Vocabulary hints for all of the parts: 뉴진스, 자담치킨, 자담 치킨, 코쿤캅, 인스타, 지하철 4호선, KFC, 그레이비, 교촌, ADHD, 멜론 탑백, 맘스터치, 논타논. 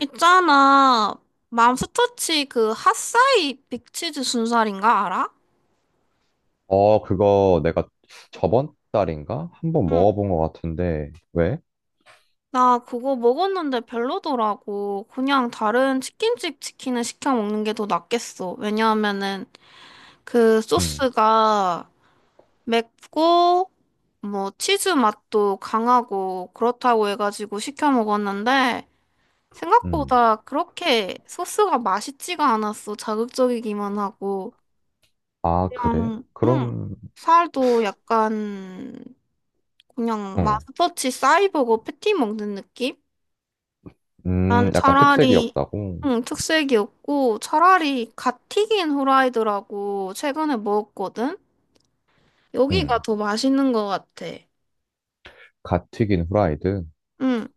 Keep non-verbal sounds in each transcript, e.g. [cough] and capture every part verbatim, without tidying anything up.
있잖아. 맘스터치 그 핫사이 빅치즈 순살인가 알아? 어, 그거 내가 저번 달인가? 한 번 응. 먹어본 것 같은데, 왜? 나 그거 먹었는데 별로더라고. 그냥 다른 치킨집 치킨을 시켜 먹는 게 더 낫겠어. 왜냐하면은 그 음, 소스가 맵고 뭐 치즈 맛도 강하고 그렇다고 해가지고 시켜 먹었는데 음. 생각보다 그렇게 소스가 맛있지가 않았어. 자극적이기만 하고. 아, 그래? 그냥, 응, 그럼, 살도 약간, 그냥 응. 마스터치 사이버고 패티 먹는 느낌? 음, 난 약간 특색이 차라리, 없다고? 응, 특색이 없고, 차라리 갓 튀긴 후라이드라고 최근에 먹었거든? 여기가 음, 더 맛있는 것 같아. 갓 튀긴 후라이드? 응,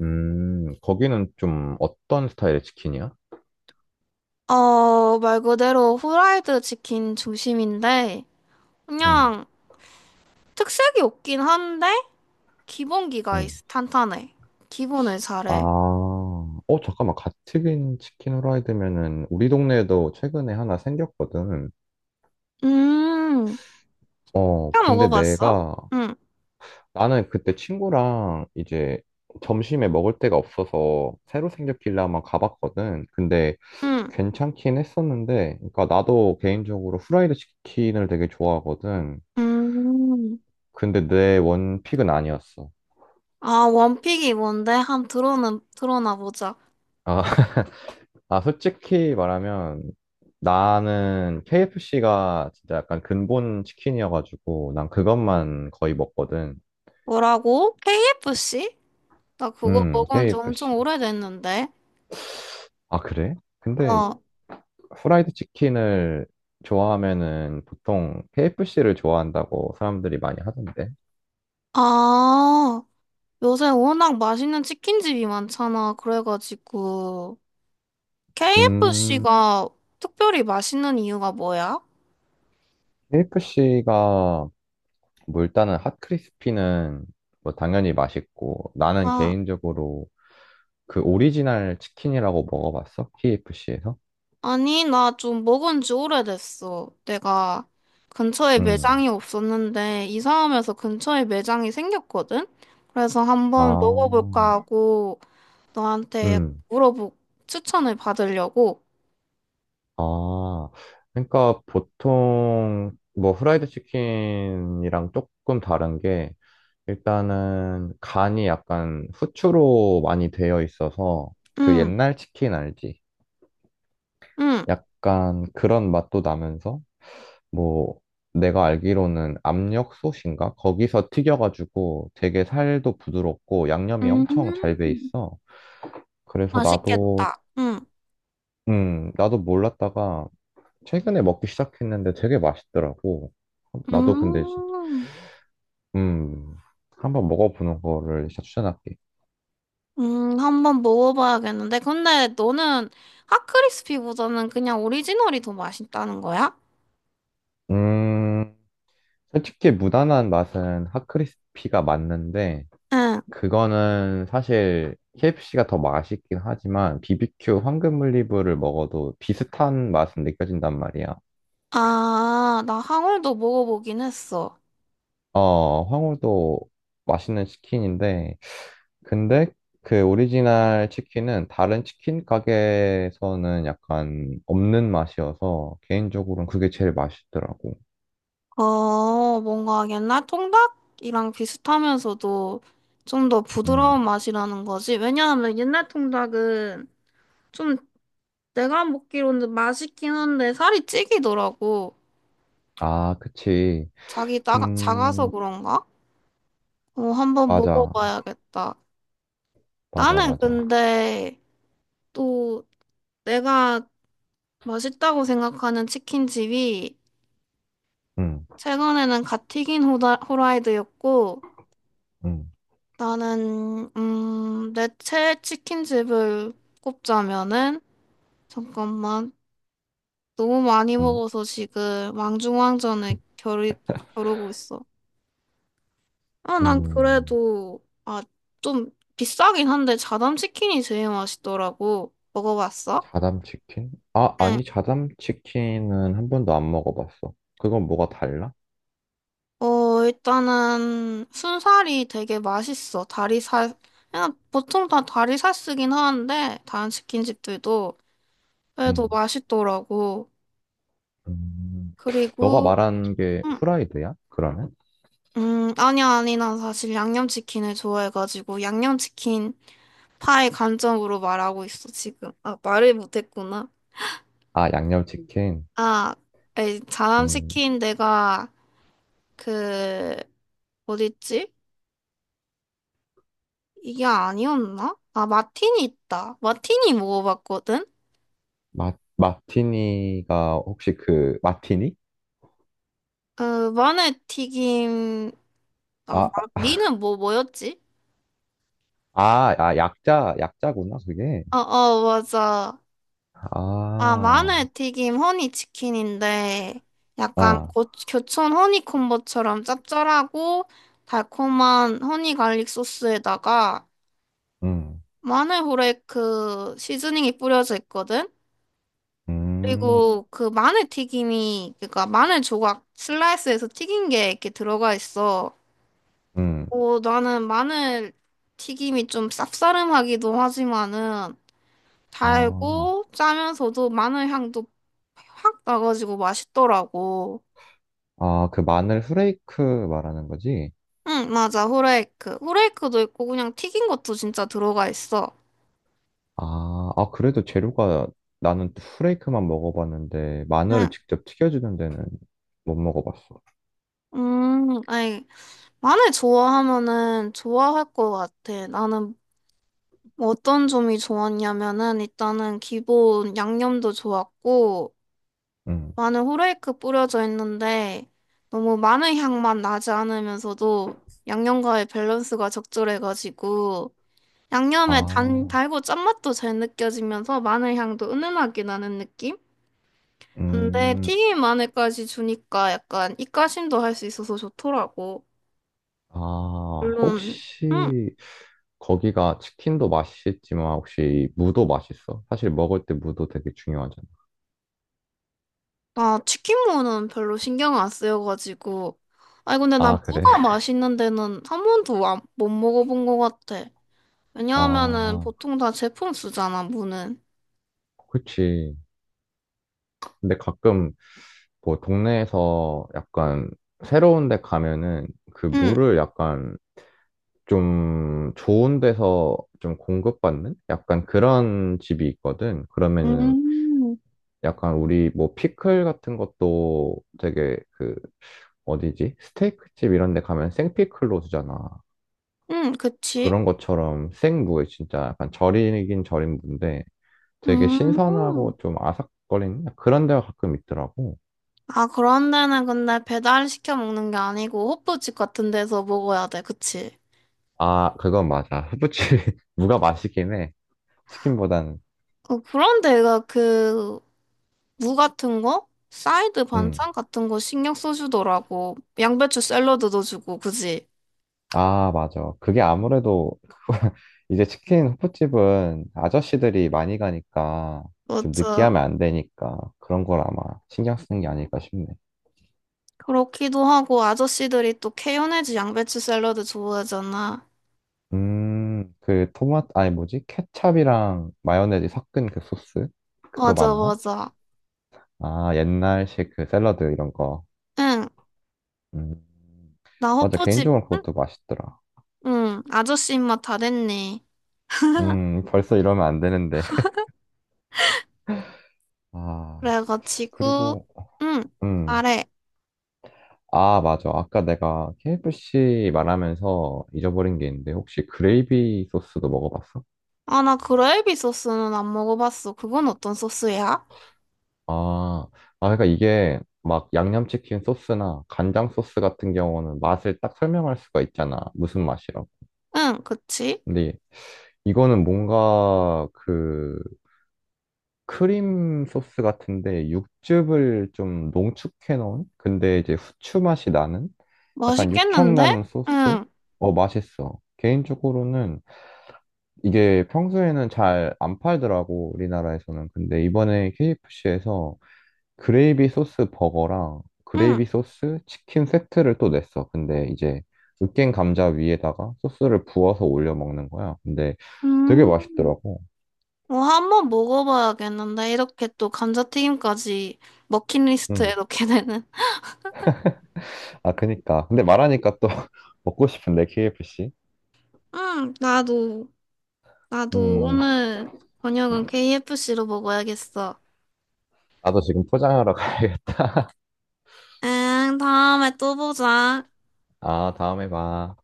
음, 거기는 좀 어떤 스타일의 치킨이야? 어, 말 그대로 후라이드 치킨 중심인데, 음, 그냥 특색이 없긴 한데, 기본기가 음. 있- 탄탄해. 기본을 아, 잘해. 어, 잠깐만. 갓 튀긴 치킨 후라이드면은 우리 동네에도 최근에 하나 생겼거든. 음, 어, 시켜 근데 먹어봤어? 내가 응. 나는 그때 친구랑 이제 점심에 먹을 데가 없어서 새로 생겼길래 한번 가봤거든. 근데 응. 괜찮긴 했었는데, 그러니까 나도 개인적으로 후라이드 치킨을 되게 좋아하거든. 음. 근데 내 원픽은 아니었어. 아, 원픽이 뭔데? 한 들어는 들어나 보자. 아, [laughs] 아, 솔직히 말하면 나는 케이에프씨가 진짜 약간 근본 치킨이어가지고 난 그것만 거의 먹거든. 뭐라고? 케이에프씨? 나 그거 음, 먹은 지 엄청 케이에프씨. 오래됐는데. 아, 그래? 근데 어. 후라이드 치킨을 좋아하면은 보통 케이에프씨를 좋아한다고 사람들이 많이 하던데. 아, 요새 워낙 맛있는 치킨집이 많잖아. 그래가지고 음, 케이에프씨가 특별히 맛있는 이유가 뭐야? 케이에프씨가 뭐 일단은 핫크리스피는 뭐 당연히 맛있고 나는 아, 개인적으로 그 오리지널 치킨이라고 먹어봤어? 케이에프씨에서? 아니, 나 좀 먹은 지 오래됐어. 내가 근처에 음. 매장이 없었는데, 이사하면서 근처에 매장이 생겼거든? 그래서 한번 아, 먹어볼까 하고, 너한테 음. 물어보, 추천을 받으려고. 아, 그러니까 보통 뭐 후라이드 치킨이랑 조금 다른 게 일단은 간이 약간 후추로 많이 되어 있어서 그 응, 옛날 치킨 알지? 응, 약간 그런 맛도 나면서 뭐 내가 알기로는 압력솥인가? 거기서 튀겨가지고 되게 살도 부드럽고 양념이 엄청 잘 배 음, 있어. 그래서 나도 맛있겠다. 응, 음 나도 몰랐다가 최근에 먹기 시작했는데 되게 맛있더라고. 나도 근데 진- 음, 음 한번 먹어보는 거를 진짜 추천할게. 음, 한번 먹어봐야겠는데. 근데 너는 핫크리스피보다는 그냥 오리지널이 더 맛있다는 거야? 음. 솔직히 무난한 맛은 핫크리스피가 맞는데 응. 그거는 사실 케이에프씨가 더 맛있긴 하지만 비비큐 황금 올리브를 먹어도 비슷한 맛은 느껴진단 말이야. 아, 나 항울도 먹어보긴 했어. 어, 황홀도 맛있는 치킨인데 근데 그 오리지널 치킨은 다른 치킨 가게에서는 약간 없는 맛이어서 개인적으로는 그게 제일 맛있더라고. 어, 뭔가 옛날 통닭이랑 비슷하면서도 좀 더 음. 부드러운 맛이라는 거지. 왜냐하면 옛날 통닭은 좀 내가 먹기로는 맛있긴 한데 살이 찌기더라고. 아, 그치. 자기 나, 작아서 근 그런가? 어, 한번 맞아. 먹어봐야겠다. 맞아, 나는 맞아. 근데 또 내가 맛있다고 생각하는 치킨집이 음. 최근에는 갓 튀긴 호다, 호라이드였고 음, 나는 음, 내 최애 치킨집을 꼽자면은 잠깐만 너무 많이 음, 먹어서 지금 왕중왕전에 겨루, 겨루고 있어. 아, 난 음. 그래도 아, 좀 비싸긴 한데 자담 치킨이 제일 맛있더라고. 먹어봤어? 자담치킨? 아, 응. 아니, 자담치킨은 한 번도 안 먹어봤어. 그건 뭐가 달라? 어, 일단은 순살이 되게 맛있어. 다리살 그냥 보통 다 다리살 쓰긴 하는데 다른 치킨집들도 그래도 음, 맛있더라고. 음. 너가 그리고 말한 게 음, 후라이드야? 그러면? 음, 아니야, 아니, 난 사실 양념치킨을 좋아해가지고, 양념치킨 파의 관점으로 말하고 있어, 지금. 아, 말을 못했구나. 아, 양념치킨. 아, 에이, 음, 자남치킨 내가, 그, 어딨지? 이게 아니었나? 아, 마틴이 있다. 마틴이 먹어봤거든? 마, 마티니가 혹시 그, 마티니? 그, 마늘 튀김, 아, 마... 아, 니는 뭐, 뭐였지? 아, 아, 약자, 약자구나, 그게. 어, 어, 맞아. 아, 아, 마늘튀김 허니치킨인데 약간 아, 고, 교촌 허니콤보처럼 짭짤하고 달콤한 허니 갈릭 소스에다가 음, 마늘 후레이크 시즈닝이 뿌려져 있거든? 음, 그리고 그 마늘튀김이 그러니까 마늘 조각 슬라이스해서 튀긴 게 이렇게 들어가 있어. 음. 어, 나는 마늘튀김이 좀 쌉싸름하기도 하지만은 아, 달고 짜면서도 마늘 향도 확 나가지고 맛있더라고. 아, 그 마늘 후레이크 말하는 거지? 응, 맞아. 후레이크. 후레이크도 있고 그냥 튀긴 것도 진짜 들어가 있어. 아, 아, 그래도 재료가 나는 후레이크만 먹어봤는데 마늘을 응. 직접 튀겨주는 데는 못 먹어봤어. 음, 아니, 마늘 좋아하면은 좋아할 것 같아. 나는 어떤 점이 좋았냐면은 일단은 기본 양념도 좋았고 음. 마늘 후레이크 뿌려져 있는데 너무 마늘 향만 나지 않으면서도 양념과의 밸런스가 적절해가지고 양념의 단, 아, 달고 짠맛도 잘 느껴지면서 마늘 향도 은은하게 나는 느낌? 근데 음, 튀김 안에까지 주니까 약간 입가심도 할 수 있어서 좋더라고. 아, 물론, 응. 혹시 거기가 치킨도 맛있지만 혹시 무도 맛있어? 사실 먹을 때 무도 되게 중요하잖아. 나 치킨무는 별로 신경 안 쓰여가지고. 아니, 근데 나 아, 그래? 무가 [laughs] 맛있는 데는 한 번도 안- 못 먹어본 것 같아. 왜냐하면은 아, 보통 다 제품 쓰잖아, 무는. 그치. 근데 가끔 뭐 동네에서 약간 새로운 데 가면은 그 응, 무를 약간 좀 좋은 데서 좀 공급받는 약간 그런 집이 있거든. 그러면은 음, 약간 우리 뭐 피클 같은 것도 되게 그 어디지? 스테이크 집 이런 데 가면 생피클로 주잖아. 응, 그치? 그런 것처럼 생무에 진짜 약간 절이긴 절인 무인데 되게 음. 신선하고 좀 아삭거리는 그런 데가 가끔 있더라고. 아, 그런 데는 근데 배달 시켜 먹는 게 아니고 호프집 같은 데서 먹어야 돼, 그치? 아, 그건 맞아. 후부치 [laughs] 무가 맛있긴 해. 치킨보다는. 어, 그런 데가 그 무 같은 거? 사이드 음. 반찬 같은 거 신경 써주더라고. 양배추 샐러드 도 주고 그지? 아, 맞아. 그게 아무래도 [laughs] 이제 치킨 호프집은 아저씨들이 많이 가니까 좀 맞아. 느끼하면 안 되니까 그런 걸 아마 신경 쓰는 게 아닐까 싶네. 그렇기도 하고, 아저씨들이 또 케요네즈 양배추 샐러드 좋아하잖아. 음, 그 토마토, 아니 뭐지? 케찹이랑 마요네즈 섞은 그 소스? 그거 맞아, 맞나? 맞아. 아, 옛날식 그 샐러드 이런 거. 응, 음, 나 맞아. 호프집, 개인적으로 그것도 맛있더라. 응, 아저씨 입맛 다 됐네. 음, 벌써 이러면 안 되는데. [laughs] 아, 그래가지고, 그리고, 응, 음. 말해 아, 맞아. 아까 내가 케이에프씨 말하면서 잊어버린 게 있는데, 혹시 그레이비 소스도 먹어봤어? 아, 나 그레이비 소스는 안 먹어봤어. 그건 어떤 소스야? 아, 아, 그러니까 이게 막 양념치킨 소스나 간장 소스 같은 경우는 맛을 딱 설명할 수가 있잖아. 무슨 맛이라고. 응, 그치? 근데 이거는 뭔가 그 크림 소스 같은데 육즙을 좀 농축해 놓은? 근데 이제 후추 맛이 나는? 약간 육향 맛있겠는데? 나는 소스? 응, 어, 맛있어. 개인적으로는 이게 평소에는 잘 안 팔더라고, 우리나라에서는. 근데 이번에 케이에프씨에서 그레이비 소스 버거랑 응. 그레이비 소스 치킨 세트를 또 냈어. 근데 이제 으깬 감자 위에다가 소스를 부어서 올려 먹는 거야. 근데 되게 음. 맛있더라고. 어, 한번 먹어봐야겠는데. 이렇게 또 감자튀김까지 머킷리스트에 음. 넣게 되는. [laughs] 아, 그니까. 근데 말하니까 또 [laughs] 먹고 싶은데, 케이에프씨. 응, 나도, 나도 음, 오늘 저녁은 케이에프씨로 먹어야겠어. 나도 지금 포장하러 [laughs] 가야겠다. 응, 다음에 또 보자. 아, 다음에 봐.